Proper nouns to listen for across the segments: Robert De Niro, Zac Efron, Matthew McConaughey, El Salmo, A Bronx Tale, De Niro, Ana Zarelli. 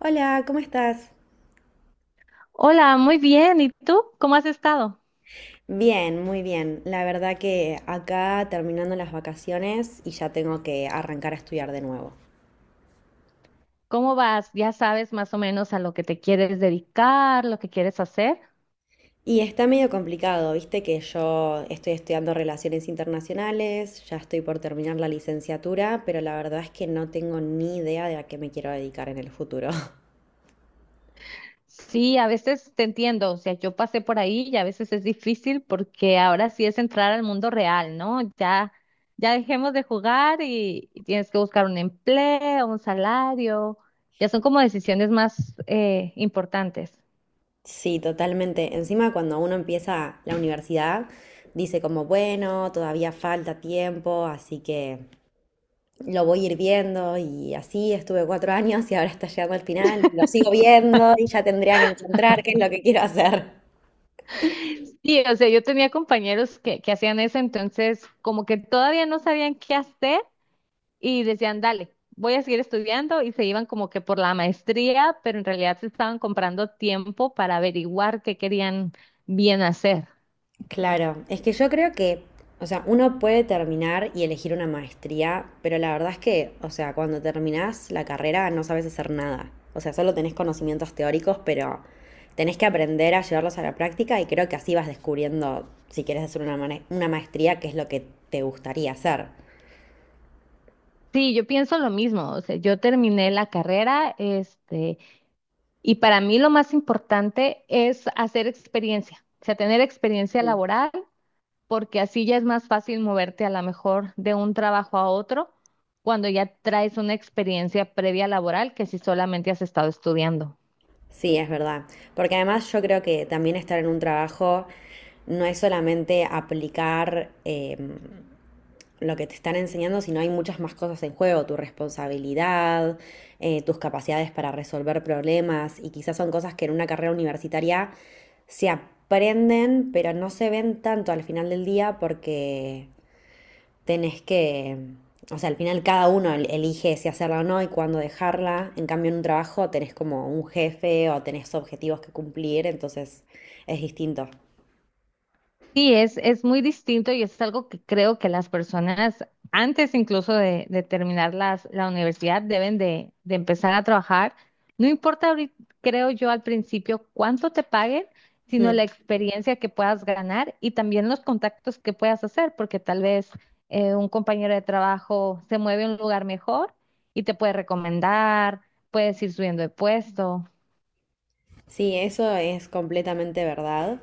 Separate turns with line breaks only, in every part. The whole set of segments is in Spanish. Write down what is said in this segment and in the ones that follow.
Hola, ¿cómo estás?
Hola, muy bien. ¿Y tú? ¿Cómo has estado?
Bien, muy bien. La verdad que acá terminando las vacaciones y ya tengo que arrancar a estudiar de nuevo.
¿Cómo vas? ¿Ya sabes más o menos a lo que te quieres dedicar, lo que quieres hacer?
Y está medio complicado, viste que yo estoy estudiando relaciones internacionales, ya estoy por terminar la licenciatura, pero la verdad es que no tengo ni idea de a qué me quiero dedicar en el futuro.
Sí, a veces te entiendo. O sea, yo pasé por ahí y a veces es difícil porque ahora sí es entrar al mundo real, ¿no? Ya, ya dejemos de jugar y tienes que buscar un empleo, un salario. Ya son como decisiones más importantes.
Sí, totalmente. Encima cuando uno empieza la universidad, dice como, bueno, todavía falta tiempo, así que lo voy a ir viendo, y así estuve 4 años y ahora está llegando al final. Lo sigo viendo y ya tendría que encontrar qué es lo que quiero hacer.
Sí, o sea, yo tenía compañeros que hacían eso, entonces como que todavía no sabían qué hacer. Y decían, dale, voy a seguir estudiando y se iban como que por la maestría, pero en realidad se estaban comprando tiempo para averiguar qué querían bien hacer.
Claro, es que yo creo que, o sea, uno puede terminar y elegir una maestría, pero la verdad es que, o sea, cuando terminás la carrera no sabes hacer nada. O sea, solo tenés conocimientos teóricos, pero tenés que aprender a llevarlos a la práctica y creo que así vas descubriendo si quieres hacer una, una maestría, qué es lo que te gustaría hacer.
Sí, yo pienso lo mismo. O sea, yo terminé la carrera, y para mí lo más importante es hacer experiencia, o sea, tener experiencia laboral, porque así ya es más fácil moverte a lo mejor de un trabajo a otro cuando ya traes una experiencia previa laboral que si solamente has estado estudiando.
Sí, es verdad. Porque además yo creo que también estar en un trabajo no es solamente aplicar lo que te están enseñando, sino hay muchas más cosas en juego, tu responsabilidad, tus capacidades para resolver problemas, y quizás son cosas que en una carrera universitaria se aprenden, pero no se ven tanto al final del día porque tenés que, o sea, al final cada uno elige si hacerla o no y cuándo dejarla. En cambio, en un trabajo tenés como un jefe o tenés objetivos que cumplir, entonces es distinto.
Sí, es muy distinto y es algo que creo que las personas, antes incluso de terminar la universidad, deben de empezar a trabajar. No importa, ahorita, creo yo, al principio cuánto te paguen, sino
Mm.
la experiencia que puedas ganar y también los contactos que puedas hacer, porque tal vez un compañero de trabajo se mueve a un lugar mejor y te puede recomendar, puedes ir subiendo de puesto.
Sí, eso es completamente verdad.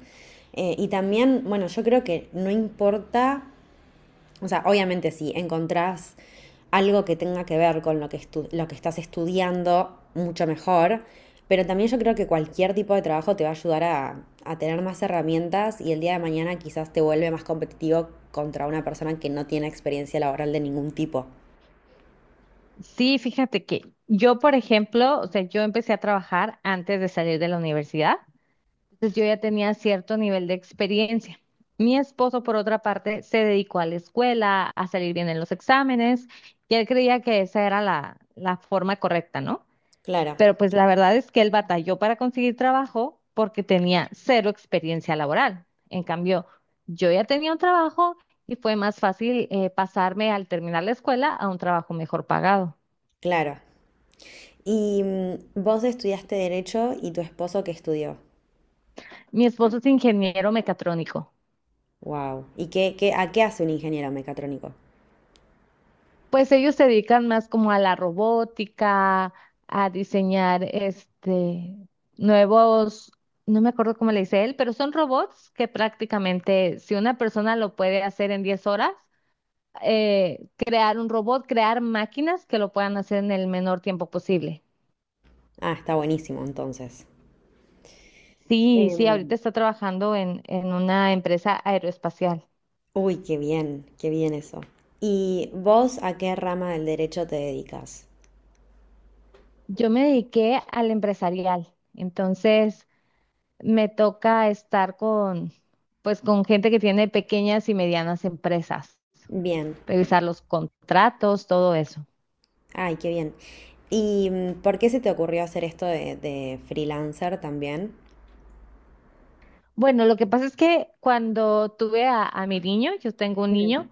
Y también, bueno, yo creo que no importa. O sea, obviamente si encontrás algo que tenga que ver con lo que, lo que estás estudiando, mucho mejor. Pero también yo creo que cualquier tipo de trabajo te va a ayudar a tener más herramientas, y el día de mañana quizás te vuelve más competitivo contra una persona que no tiene experiencia laboral de ningún tipo.
Sí, fíjate que yo, por ejemplo, o sea, yo empecé a trabajar antes de salir de la universidad, entonces yo ya tenía cierto nivel de experiencia. Mi esposo, por otra parte, se dedicó a la escuela, a salir bien en los exámenes, y él creía que esa era la forma correcta, ¿no?
Claro,
Pero pues la verdad es que él batalló para conseguir trabajo porque tenía cero experiencia laboral. En cambio, yo ya tenía un trabajo y fue más fácil pasarme al terminar la escuela a un trabajo mejor pagado.
claro. Y mm, vos estudiaste derecho, ¿y tu esposo qué estudió?
Mi esposo es ingeniero mecatrónico.
Wow. ¿Y qué, qué, a qué hace un ingeniero mecatrónico?
Pues ellos se dedican más como a la robótica, a diseñar nuevos, no me acuerdo cómo le dice él, pero son robots que prácticamente si una persona lo puede hacer en 10 horas, crear un robot, crear máquinas que lo puedan hacer en el menor tiempo posible.
Ah, está buenísimo entonces.
Sí, sí, ahorita
Em,
está trabajando en una empresa aeroespacial.
Uy, qué bien eso. ¿Y vos a qué rama del derecho te dedicas?
Yo me dediqué al empresarial, entonces me toca estar con, pues, con gente que tiene pequeñas y medianas empresas,
Bien,
revisar los contratos, todo eso.
ay, qué bien. ¿Y mm, por qué se te ocurrió hacer esto de freelancer también?
Bueno, lo que pasa es que cuando tuve a mi niño, yo tengo un
Mm.
niño,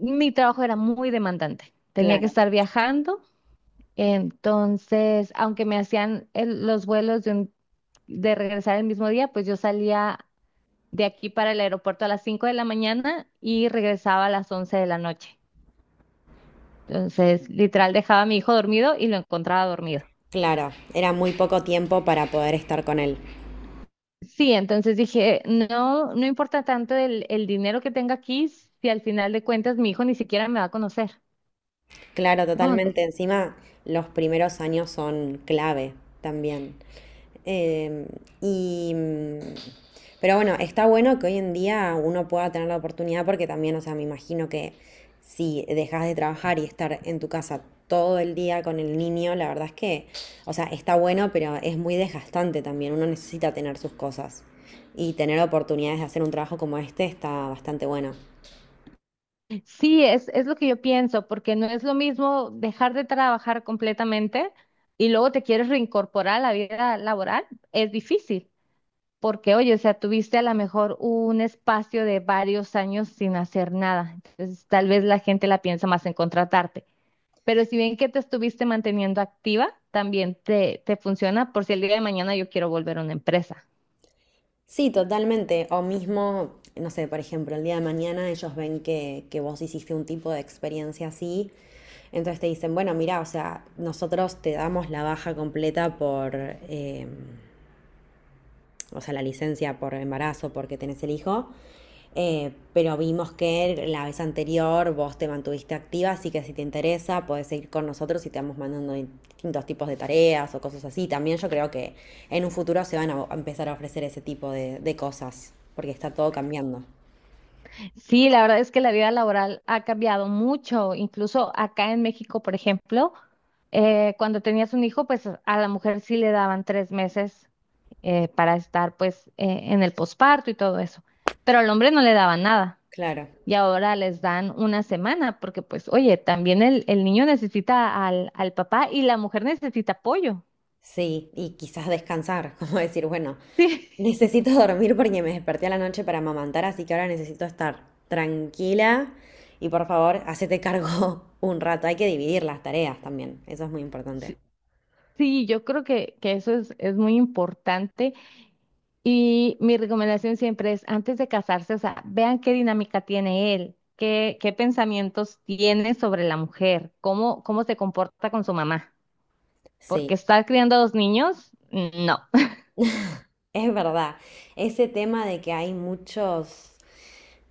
mi trabajo era muy demandante. Tenía que
Claro,
estar viajando, entonces, aunque me hacían los vuelos de, de regresar el mismo día, pues yo salía de aquí para el aeropuerto a las 5 de la mañana y regresaba a las 11 de la noche. Entonces, literal, dejaba a mi hijo dormido y lo encontraba dormido.
claro, era muy poco tiempo para poder estar con él.
Sí, entonces dije, no importa tanto el dinero que tenga aquí si al final de cuentas mi hijo ni siquiera me va a conocer.
Claro,
No,
totalmente. Encima, los primeros años son clave también. Em, y, mm, pero bueno, está bueno que hoy en día uno pueda tener la oportunidad, porque también, o sea, me imagino que si dejas de trabajar y estar en tu casa todo el día con el niño, la verdad es que, o sea, está bueno, pero es muy desgastante también. Uno necesita tener sus cosas y tener oportunidades de hacer un trabajo como este está bastante bueno.
sí, es lo que yo pienso, porque no es lo mismo dejar de trabajar completamente y luego te quieres reincorporar a la vida laboral, es difícil, porque oye, o sea, tuviste a lo mejor un espacio de varios años sin hacer nada, entonces tal vez la gente la piensa más en contratarte. Pero si bien que te estuviste manteniendo activa, también te funciona por si el día de mañana yo quiero volver a una empresa.
Sí, totalmente. O mismo, no sé, por ejemplo, el día de mañana ellos ven que vos hiciste un tipo de experiencia así, entonces te dicen, bueno, mira, o sea, nosotros te damos la baja completa por, em, o sea, la licencia por embarazo porque tenés el hijo. Pero vimos que la vez anterior vos te mantuviste activa, así que si te interesa, podés seguir con nosotros y te vamos mandando distintos tipos de tareas o cosas así. También yo creo que en un futuro se van a empezar a ofrecer ese tipo de cosas, porque está todo cambiando.
Sí, la verdad es que la vida laboral ha cambiado mucho. Incluso acá en México, por ejemplo, cuando tenías un hijo, pues a la mujer sí le daban 3 meses para estar pues en el posparto y todo eso. Pero al hombre no le daban nada.
Claro.
Y ahora les dan una semana porque pues, oye, también el niño necesita al papá y la mujer necesita apoyo.
Sí, y quizás descansar, como decir, bueno, necesito dormir porque me desperté a la noche para amamantar, así que ahora necesito estar tranquila y, por favor, hacete cargo un rato. Hay que dividir las tareas también, eso es muy importante.
Sí. Sí, yo creo que eso es muy importante y mi recomendación siempre es antes de casarse, o sea, vean qué dinámica tiene él, qué pensamientos tiene sobre la mujer, cómo se comporta con su mamá,
Sí,
porque estar criando a dos niños, no.
es verdad. Ese tema de que hay muchos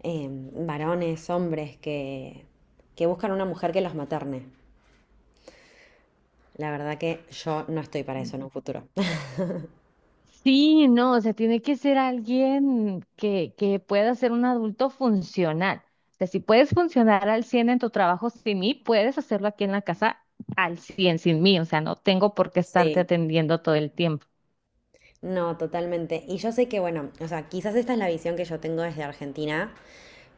eh, varones, hombres que buscan una mujer que los materne. La verdad que yo no estoy para eso en un futuro.
Sí, no, o sea, tiene que ser alguien que pueda ser un adulto funcional. O sea, si puedes funcionar al 100 en tu trabajo sin mí, puedes hacerlo aquí en la casa al 100 sin mí. O sea, no tengo por qué estarte
Sí,
atendiendo todo el tiempo.
no, totalmente. Y yo sé que, bueno, o sea, quizás esta es la visión que yo tengo desde Argentina,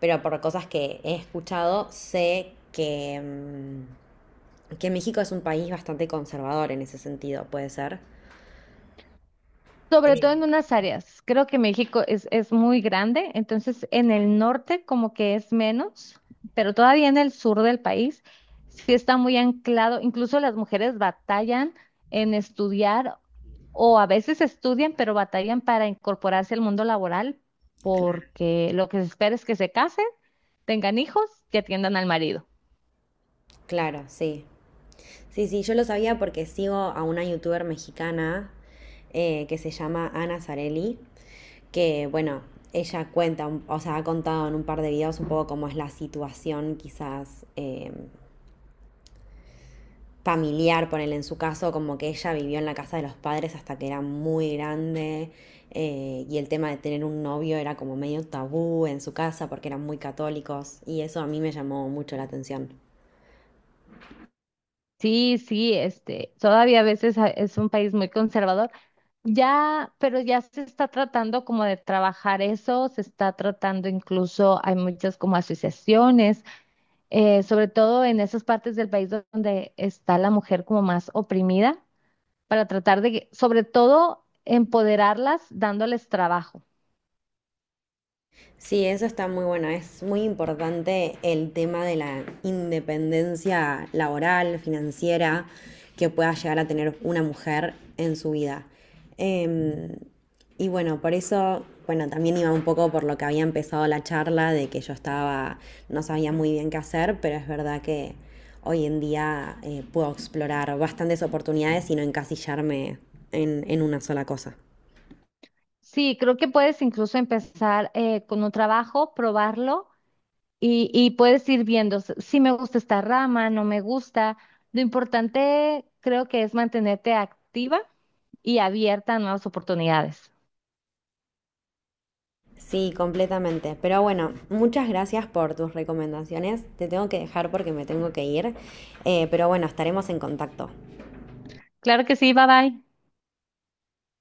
pero por cosas que he escuchado, sé que, mm, que México es un país bastante conservador en ese sentido, puede ser.
Sobre
Eh,
todo en unas áreas. Creo que México es muy grande, entonces en el norte como que es menos, pero todavía en el sur del país sí está muy anclado. Incluso las mujeres batallan en estudiar. O a veces estudian, pero batallan para incorporarse al mundo laboral
claro.
porque lo que se espera es que se casen, tengan hijos y atiendan al marido.
Claro, sí. Sí, sí, yo lo sabía porque sigo a una youtuber mexicana que se llama Ana Zarelli, que, bueno, ella cuenta, o sea, ha contado en un par de videos un poco cómo es la situación quizás. Familiar, ponele en su caso, como que ella vivió en la casa de los padres hasta que era muy grande, y el tema de tener un novio era como medio tabú en su casa porque eran muy católicos y eso a mí me llamó mucho la atención.
Sí, sí, todavía a veces es un país muy conservador. Ya, pero ya se está tratando como de trabajar eso, se está tratando incluso, hay muchas como asociaciones, sobre todo en esas partes del país donde está la mujer como más oprimida, para tratar de, sobre todo, empoderarlas dándoles trabajo.
Sí, eso está muy bueno. Es muy importante el tema de la independencia laboral, financiera, que pueda llegar a tener una mujer en su vida. Em, y bueno, por eso, bueno, también iba un poco por lo que había empezado la charla, de que yo estaba, no sabía muy bien qué hacer, pero es verdad que hoy en día puedo explorar bastantes oportunidades y no encasillarme en una sola cosa.
Sí, creo que puedes incluso empezar con un trabajo, probarlo y puedes ir viendo si me gusta esta rama, no me gusta. Lo importante creo que es mantenerte activa y abierta a nuevas oportunidades.
Sí, completamente. Pero bueno, muchas gracias por tus recomendaciones. Te tengo que dejar porque me tengo que ir. Pero bueno, estaremos en contacto.
Claro que sí, bye bye.